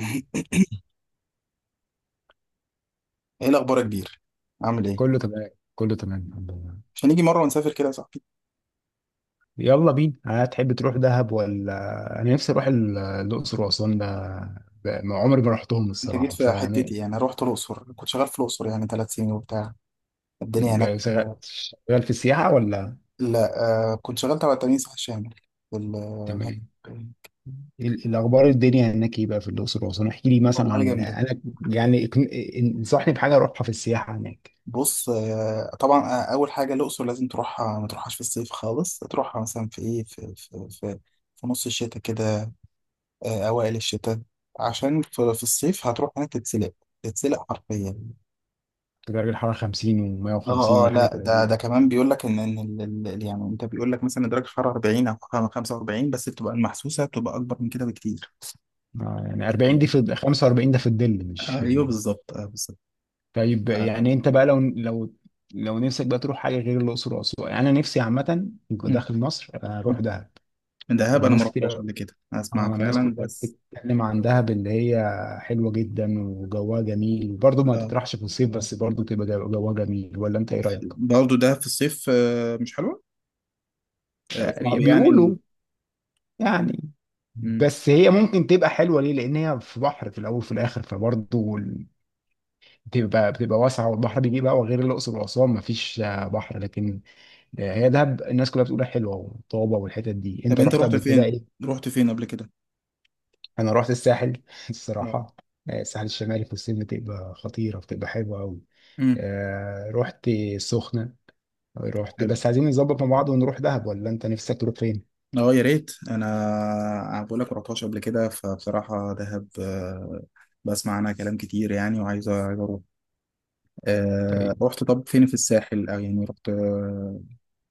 ايه الاخبار يا كبير؟ عامل ايه؟ كله تمام كله تمام الحمد لله. مش هنيجي مره ونسافر كده يا صاحبي؟ يلا بينا، هتحب تروح دهب ولا؟ انا نفسي اروح الاقصر واسوان ده. ما عمري ما رحتهم انت جيت الصراحه، في فانا حتتي، يعني رحت الاقصر، كنت شغال في الاقصر يعني ثلاث سنين وبتاع. الدنيا هناك؟ شغال لا، شغال في السياحه ولا؟ لا، كنت شغال تبع التأمين الصحي الشامل في تمام. الهد- الاخبار الدنيا هناك ايه بقى في الاقصر واسوان؟ احكي لي مثلا، والله عن جامده. انا يعني اقن- انصحني بحاجه اروحها في السياحه هناك. بص، طبعا. اول حاجه الاقصر لازم تروحها، ما تروحهاش في الصيف خالص، تروحها مثلا في ايه، في نص الشتاء كده، اوائل الشتاء، عشان في الصيف هتروح هناك تتسلق، تتسلق حرفيا. درجه الحراره 50 و150 اه ولا حاجه لا، ده 30؟ كمان بيقول لك ان يعني انت بيقول لك مثلا درجه الحراره 40 او 45، بس بتبقى المحسوسه بتبقى اكبر من كده بكتير. يعني 40 دي في 45 ده في الظل مش في ايوه بالظبط، بالظبط. طيب يعني آه. انت بقى، لو نفسك بقى تروح حاجه غير الاقصر واسوان، يعني انا نفسي عامه مم. داخل مصر اروح مم. دهب. دهب انا ما الناس رحتهاش كتير. قبل كده، اسمع اه، الناس فعلا كلها بس. بتتكلم عن دهب اللي هي حلوه جدا وجوها جميل، وبرضه ما اه، تطرحش في الصيف بس برضه تبقى جوها جميل، ولا انت ايه رايك؟ برضه ده في الصيف، مش حلوه. صعب يعني بيقولوا يعني. مم. بس هي ممكن تبقى حلوه ليه، لان هي في بحر في الاول وفي الاخر، فبرضه بتبقى واسعه والبحر بيجيب هوا، غير الاقصر واسوان ما فيش بحر. لكن ده هي دهب الناس كلها بتقول حلوه وطابه، والحتت دي طب انت انت رحت رحت قبل كده فين؟ ايه؟ رحت فين قبل كده؟ انا رحت الساحل اه. الصراحه. آه، الساحل الشمالي في الصيف بتبقى خطيره، بتبقى حلوه قوي. امم. آه، رحت السخنه. رحت، بس عايزين نظبط مع بعض ونروح دهب، ولا انت نفسك تروح فين؟ اه يا ريت، انا بقول لك رحتهاش قبل كده، فبصراحه دهب بسمع عنها كلام كتير يعني، وعايز، عايز اروح. طيب. رحت طب فين؟ في الساحل، او يعني رحت،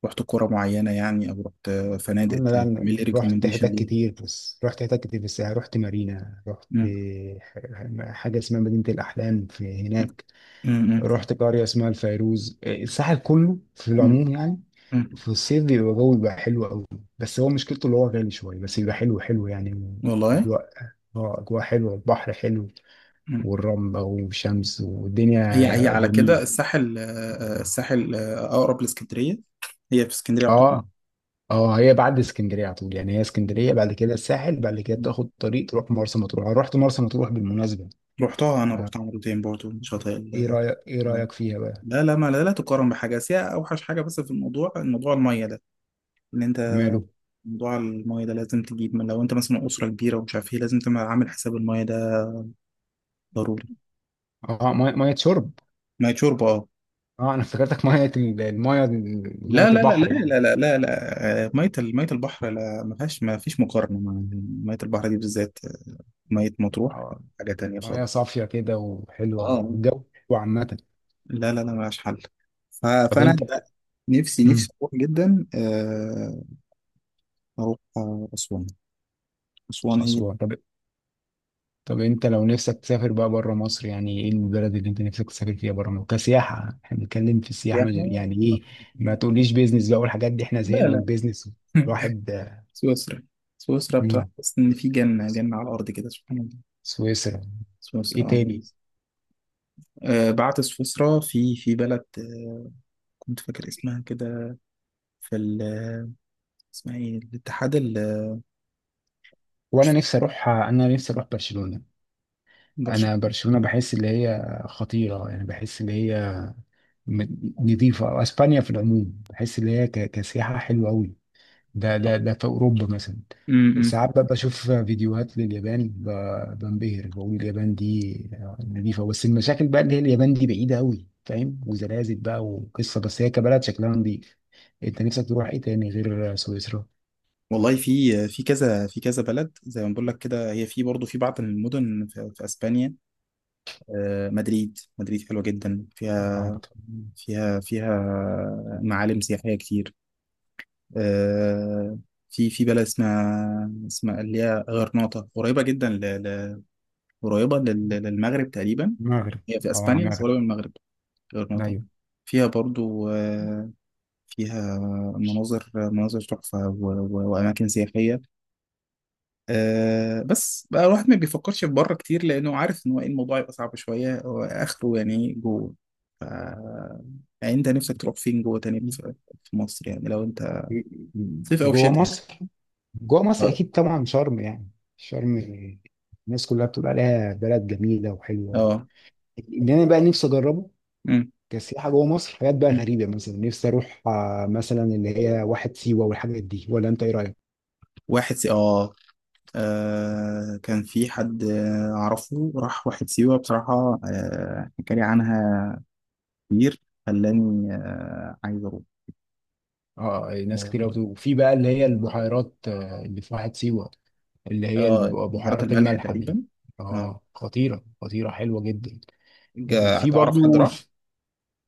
رحت قرى معينه يعني، او رحت فنادق؟ انا، لا، تعمل لي رحت ريكومنديشن حتت ليها. كتير. بس رحت حتت كتير في الساحل، رحت مارينا، رحت مم. حاجه اسمها مدينه الاحلام في هناك. مم. رحت قرية اسمها الفيروز. الساحل كله في مم. العموم يعني مم. في الصيف بيبقى جو، بيبقى حلو قوي. بس هو مشكلته اللي هو غالي شوية، بس بيبقى حلو حلو يعني. والله. أجواء. اه، أجواء حلوة، البحر حلو، مم. والرملة والشمس هي هي والدنيا على كده جميل. الساحل، الساحل اقرب لاسكندريه. هي في اسكندريه يعتبر. اه اه، هي بعد اسكندرية على طول يعني. هي اسكندرية بعد كده الساحل، بعد كده مم. تاخد طريق تروح مرسى مطروح. أنا رحت مرسى مطروح بالمناسبة. رحتها، انا آه. رحتها مرتين برضو شاطئ. ايه رأيك، فيها بقى؟ لا لا ما لا, لا تقارن بحاجة، بس هي أوحش حاجة بس في الموضوع، الموضوع المية ده، إن أنت ماله؟ موضوع المية ده لازم تجيب، من لو أنت مثلا أسرة كبيرة ومش عارف إيه، لازم تبقى عامل حساب المية ده ضروري. اه، مية، مية شرب؟ مية شرب أه. اه، انا افتكرتك ميه الميه لا ميه لا لا لا البحر يعني. لا لا لا لا مية مية البحر، لا، ما فيهاش، ما فيش مقارنة مع مية البحر دي بالذات. مية مطروح آه، حاجة تانية خالص. ميه صافيه كده وحلوه أه. والجو حلو عامه. لا لا لا، ملهاش حل. طب فأنا انت بقى. نفسي، نفسي امم. أروح جدا، أروح أسوان. أسوان هي. اسوان. طب، طب انت لو نفسك تسافر بقى بره مصر، يعني ايه البلد اللي انت نفسك تسافر فيها بره مصر كسياحه؟ احنا بنتكلم في السياحه، سياحة. يعني ايه؟ ما تقوليش بيزنس بقى والحاجات دي، احنا لا زهقنا من لا. البيزنس. الواحد. سويسرا. سويسرا بتاعت، امم. بس ان في جنة، جنة على الارض كده سبحان الله. سويسرا. ايه سويسرا. تاني؟ آه. بعت سويسرا، في بلد كنت فاكر اسمها كده، في اسمها ايه، الاتحاد وانا نفسي اروح برشلونه. انا برشلونة. برشلونه بحس اللي هي خطيره يعني، بحس اللي هي م- نضيفه. اسبانيا في العموم بحس اللي هي كسياحه حلوه قوي. ده في اوروبا مثلا. امم. ساعات ببقى بشوف فيديوهات لليابان، بنبهر. بقول اليابان دي نظيفه، بس المشاكل بقى اللي هي اليابان دي بعيده قوي فاهم، وزلازل بقى وقصه. بس هي كبلد شكلها نظيف. انت نفسك تروح ايه تاني غير سويسرا؟ والله في كذا بلد زي ما بقول لك كده. هي في برضه في بعض المدن في اسبانيا، مدريد، مدريد حلوه جدا، فيها، المغرب. فيها فيها معالم سياحيه كتير. آه، في في بلد اسمها، اسمها اللي هي غرناطة، قريبة جدا قريبة للمغرب تقريبا. المغرب. هي في اه، اسبانيا بس المغرب. قريبة من المغرب. غرناطة ايوه. فيها برضو فيها مناظر، مناظر تحفة و وأماكن سياحية. بس بقى الواحد ما بيفكرش في بره كتير لأنه عارف إن هو إيه، الموضوع يبقى صعب شوية وآخره يعني جوه. ف... يعني أنت نفسك تروح فين جوه تاني في في مصر يعني لو أنت؟ صيف أو جوه شتاء يعني. مصر. جوه مصر اه. اكيد طبعا شرم يعني. شرم. الناس كلها بتقول عليها بلد جميله وحلوه، آه. اللي انا بقى نفسي اجربه مم. كسياحة جوه مصر. حاجات بقى غريبة مثلا، نفسي أروح مثلا اللي هي واحد سيوة والحاجات دي، ولا أنت إيه رأيك؟ واحد سي... آه. كان في حد أعرفه راح واحد سيوة بصراحة، حكى لي عنها كتير، خلاني عايز أروح. اه، ناس كتير آه. قوي. وفي بقى اللي هي البحيرات اللي في واحد سيوه، اللي هي بهارات بحيرات الملح الملح دي. تقريبا. آه. اه، خطيره خطيره حلوه جدا. وفي تعرف حد برضو راح؟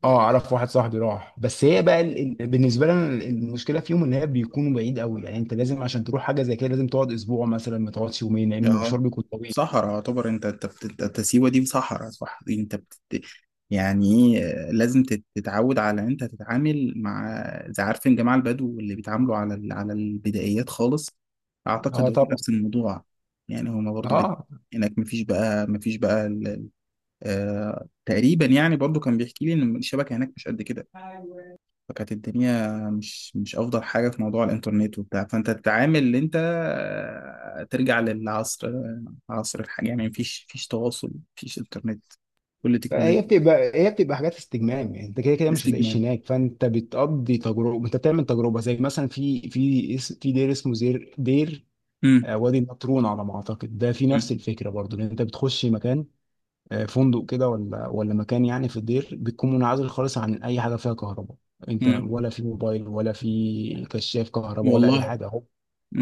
اه، اعرف واحد صاحبي راح، بس هي بقى بالنسبه لنا المشكله فيهم ان هي بيكونوا بعيد قوي. يعني انت لازم عشان تروح حاجه زي كده لازم تقعد اسبوع مثلا، ما تقعدش يومين، لان المشوار اه. بيكون طويل. صحراء يعتبر. انت أنت سيوة دي صحراء صح، دي انت يعني ايه، لازم تتعود على ان انت تتعامل مع زي، عارفين جماعة البدو اللي بيتعاملوا على على البدائيات خالص. اعتقد اه هو طبعا. نفس الموضوع. يعني هما برضو اه، هناك مفيش بقى، مفيش بقى تقريبا يعني. برضو كان بيحكي لي ان الشبكة هناك مش قد كده، فكانت الدنيا مش افضل حاجه في موضوع الانترنت وبتاع، فانت تتعامل ان انت ترجع للعصر عصر الحاجه، يعني مفيش، مفيش تواصل، مفيش انترنت، كل تكنولوجيا. هي بتبقى حاجات استجمام. يعني انت كده كده مش هتعيش استجمام. هناك، فانت بتقضي تجربه، انت بتعمل تجربه. زي مثلا في في دير اسمه دير. امم. وادي النطرون على ما اعتقد. ده في امم. نفس الفكره برضو، ان انت بتخش مكان، فندق كده ولا مكان يعني، في الدير بتكون منعزل خالص عن اي حاجه فيها كهرباء. انت، أمم. ولا في موبايل ولا في كشاف كهرباء ولا اي والله. حاجه اهو.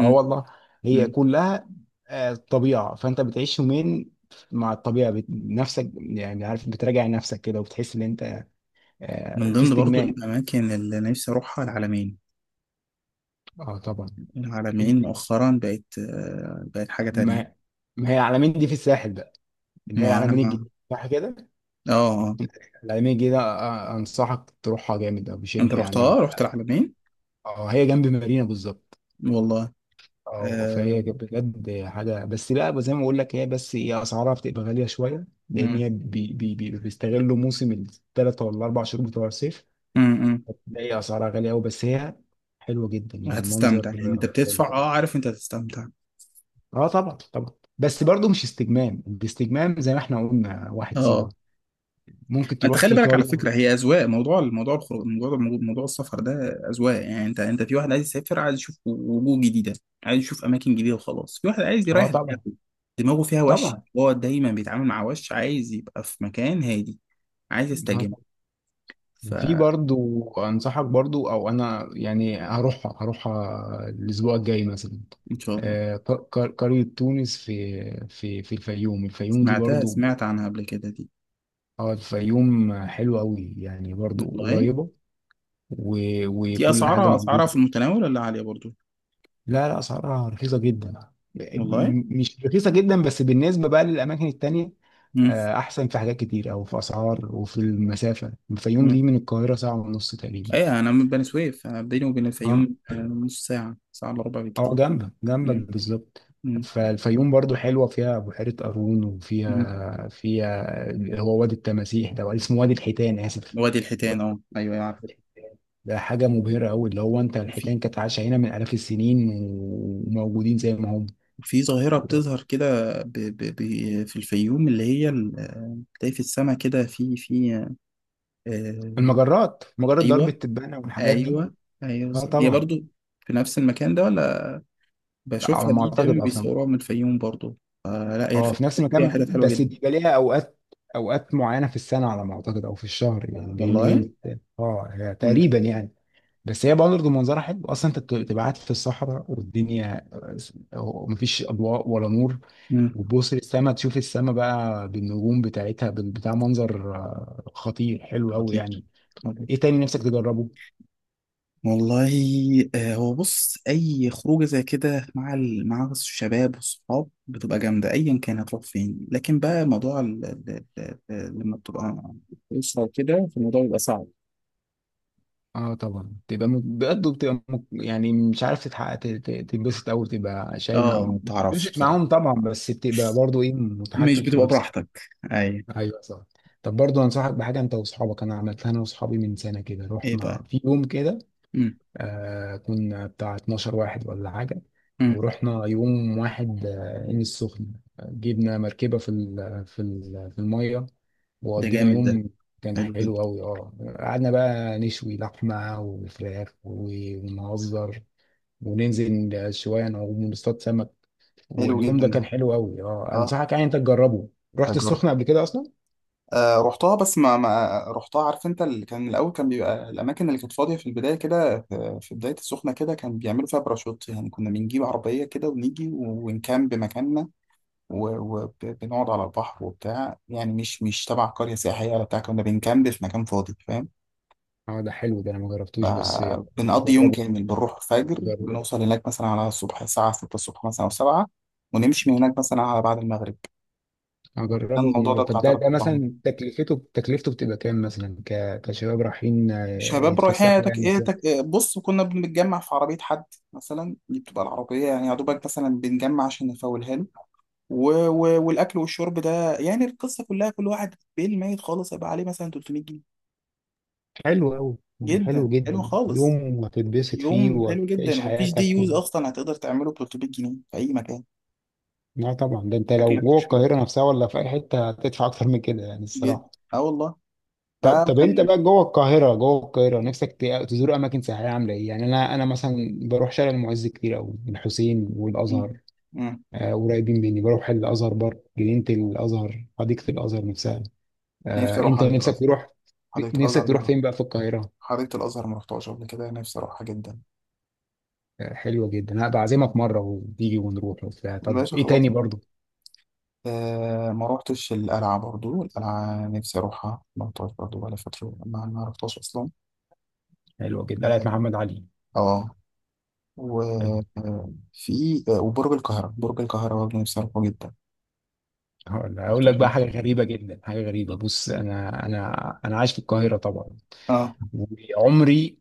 اه والله. هي امم. كلها طبيعه. فانت بتعيش يومين مع الطبيعه، نفسك يعني، عارف بتراجع نفسك كده، وبتحس ان انت من في ضمن برضو استجمام. الاماكن اللي نفسي اروحها العلمين. اه طبعا. ال- العلمين مؤخرا بقت بقت حاجه ما تانية. ما هي العلمين دي في الساحل بقى، اللي هي ما انا العلمين ما الجديده صح كده؟ اه. آه. العلمين الجديده انصحك تروحها جامد او انت بشده رحتها، يعني. رحت العلمين؟ اه، هي جنب مارينا بالظبط. والله. اه، آه. فهي كانت بجد حاجه. بس بقى زي ما بقول لك، هي بس هي اسعارها بتبقى غاليه شويه، لان امم. هي بي بي بي بيستغلوا موسم الثلاث ولا الاربع شهور بتوع الصيف. امم. ده هي اسعارها غاليه قوي، بس هي حلوه جدا والمنظر هتستمتع يعني، انت بتدفع، حلو. اه، عارف انت هتستمتع. اه طبعا طبعا. بس برضو مش استجمام. الاستجمام زي ما احنا قلنا واحد سيوه، اه، ممكن انت تروح خلي في بالك على قريه. فكره، هي اذواق، موضوع، موضوع الخروج، موضوع، موضوع السفر ده اذواق، يعني انت، انت في واحد عايز يسافر، عايز يشوف وجوه جديده، عايز يشوف اماكن جديده وخلاص، في واحد عايز اه يريح طبعا دماغه، دماغه فيها وش، طبعا. هو دايما بيتعامل مع وش، عايز يبقى في مكان هادي، عايز اه، يستجم. في فان برضو انصحك برضو، او انا يعني هروح، الاسبوع الجاي مثلا، شاء الله. قرية تونس في في الفيوم الفيوم دي سمعتها، برضو. سمعت عنها قبل كده دي. اه، الفيوم حلوة قوي يعني، برضو والله قريبة، و- دي وكل حاجة اسعارها، اسعارها موجودة. في المتناول ولا عاليه برضو؟ لا لا، اسعارها رخيصة جدا، والله. مش رخيصة جدا بس بالنسبة بقى للأماكن التانية. أحسن في حاجات كتير أو في أسعار. وفي المسافة الفيوم مم. دي من القاهرة ساعة ونص تقريبا. ايه، انا من بني سويف، انا بيني وبين اه الفيوم نص ساعة، ساعة الا ربع اه، بكتير. جنبك جنبك مم. بالظبط. مم. فالفيوم برضو حلوة، فيها بحيرة قارون، مم. وفيها اللي هو وادي التماسيح ده، ولا اسمه وادي الحيتان، آسف. وادي الحيتان، اه ايوه يعرف. ده حاجة مبهرة أوي، اللي هو أنت وفي. الحيتان كانت عايشة هنا من آلاف السنين، وموجودين زي ما هم. وفي ظاهرة بتظهر كده، ب... ب... ب... في الفيوم اللي هي بتلاقي في السماء كده آه... المجرات، مجرة درب ايوه. التبانة والحاجات دي. ايوه. ايوه. اه هي طبعا. برضو في نفس المكان ده ولا؟ لا، على بشوفها، ما دي أعتقد دايما أصلا. بيصوروها من الفيوم برضو. لا، هي اه، الفيوم في نفس فيها المكان، حتت حلوة بس جدا. بيبقى ليها أوقات، أوقات معينة في السنة على ما أعتقد، أو في الشهر يعني، لأن هي والله. اه مم. تقريبا يعني. بس هي برضه منظرها حلو اصلا. انت بتبقى قاعد في الصحراء والدنيا، مفيش اضواء ولا نور، مم. وتبص للسما، تشوف السما بقى بالنجوم بتاعتها بتاع منظر خطير حلو قوي خطير. يعني. ايه تاني نفسك تجربه؟ والله. هو بص، اي خروجه زي كده مع مع الشباب والصحاب بتبقى جامده، ايا كان هتروح فين. لكن بقى موضوع لما بتبقى اسره وكده، فالموضوع بيبقى صعب. اه طبعا، تبقى بجد بتبقى يعني، مش عارف تتحقق، تتبسط، او تبقى شايلها اه، ما بتعرفش بتتبسط بصراحه، معاهم طبعا، بس بتبقى برضه ايه مش متحكم في بتبقى نفسك. براحتك. اي. ايوه صح. طب برضه انصحك بحاجه، انت واصحابك، انا عملتها انا واصحابي من سنه كده، ايه بقى؟ رحنا في يوم كده. امم. كنا بتاع 12 واحد ولا حاجة، امم. ورحنا يوم واحد عين السخنة. جبنا مركبة في المية، ده وقضينا جامد ده. يوم. كان حلو جدا. حلو أوي اه. قعدنا بقى نشوي لحمة وفراخ ونهزر، وننزل شوية نعوم ونصطاد سمك. حلو واليوم جدا ده ده. كان حلو أوي اه، اه. أنصحك يعني أنت تجربه. رحت أجرب. السخنة قبل كده أصلا؟ رحتها بس ما رحتها، عارف انت، اللي كان الاول كان بيبقى الاماكن اللي كانت فاضيه في البدايه كده، في بدايه السخنه كده كان بيعملوا فيها باراشوت، يعني كنا بنجيب عربيه كده ونيجي ونكامب مكاننا وبنقعد على البحر وبتاع، يعني مش تبع قريه سياحيه ولا بتاع، كنا بنكامب في مكان فاضي فاهم. اه، ده حلو ده، أنا ما جربتوش بس. بنقضي يوم جربه. كامل، بنروح الفجر بنوصل هناك مثلا على الصبح الساعه 6 الصبح مثلا او 7، ونمشي من هناك مثلا على بعد المغرب. كان هجربه الموضوع مرة. ده طب بتاع ده، 3 مثلا تكلفته، بتبقى كام مثلا، كشباب رايحين شباب رايحين ايه يتفسحوا تك... يعني إيه سياحة؟ تك... إيه بص كنا بنتجمع في عربية حد مثلا، دي بتبقى العربية، يعني يا دوبك مثلا بنجمع عشان نفولها له و والأكل والشرب ده، يعني القصة كلها كل واحد بيل ميت خالص هيبقى عليه مثلا 300 جنيه. حلو أوي يعني، حلو جدا حلو جدا، خالص. يوم هتتبسط فيه يوم حلو جدا، وتعيش ومفيش دي حياتك يوز أصلا هتقدر تعمله ب 300 جنيه في أي مكان. لا طبعا، ده انت لو أكلك جوه وشربك. القاهرة نفسها ولا في أي حتة هتدفع أكتر من كده، يعني جدا. الصراحة. أه والله. طب انت فكان. بقى جوه القاهرة، نفسك تزور أماكن سياحية عاملة إيه؟ يعني أنا مثلا بروح شارع المعز كتير أوي، الحسين مم. والأزهر مم. قريبين مني. بروح الأزهر برضه، جنينة الأزهر، حديقة الأزهر نفسها. نفسي أروح انت حديقة نفسك الأزهر. تروح، حديقة نفسك الأزهر دي تروح فين بقى في القاهرة؟ حديقة الأزهر ما رحتهاش قبل كده، نفسي أروحها جدا. حلوة جدا، هبقى اعزمك مرة وتيجي ونروح وبتاع. طب الباشا ايه خلاص. تاني برضو؟ ما روحتش القلعة برضو، القلعة نفسي أروحها، ما روحتهاش برضو، بقالي فترة ما روحتهاش أصلا. حلوة جدا قلعة اه. محمد علي. آه، حلو. وفي وبرج القاهرة، برج القاهرة برضه نفسي أروحه جدا. هقول، ما رحتوش لك بقى قبل حاجة كده. غريبة جدا. حاجة غريبة، بص، انا عايش في القاهرة طبعا، اه، وعمري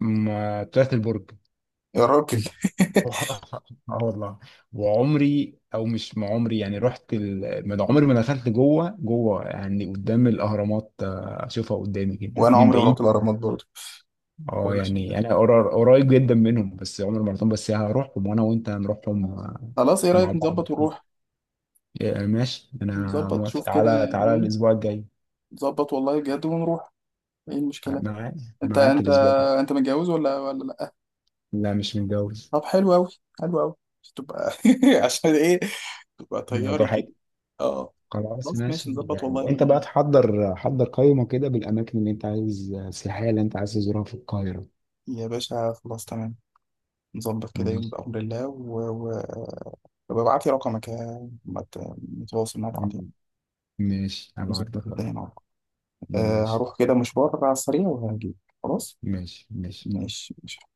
ما طلعت البرج. يا راجل. اه والله، وعمري او مش ما عمري يعني، رحت ما ده عمري ما دخلت جوه جوه يعني قدام الاهرامات، اشوفها قدامي كده وأنا من عمري ما رحت بعيد. الأهرامات برضه اه ولا شفت. يعني انا قريب جدا منهم بس، عمر مرتين بس هروحهم، وانا وانت هنروحهم خلاص، إيه مع رأيك بعض. نظبط ونروح؟ ماشي انا نظبط موافق، شوف كده تعالى تعالى يوم. الاسبوع الجاي. نظبط والله بجد ونروح. إيه المشكلة؟ معاك. أنت معاك أنت الاسبوع الجاي. أنت متجوز ولا ولا لأ؟ لا، مش متجوز. طب حلو أوي. حلو أوي. تبقى عشان إيه تبقى لا طياري كده. براحتك. اه. خلاص خلاص ماشي، ماشي، نظبط والله يعني انت بقى حضر قائمة كده بالاماكن اللي انت عايز السياحية اللي انت عايز تزورها في القاهرة. يا باشا خلاص تمام، نظبط كده يوم ماشي بأمر الله طب ابعت لي رقمك، يا- ما ت- نتواصل مع بعض يعني، ماشي، هبعت نظبط لك. الدنيا مع بعض. أه، ماشي هروح كده مشوار على السريع وهجيلك. خلاص ماشي ماشي. ماشي ماشي.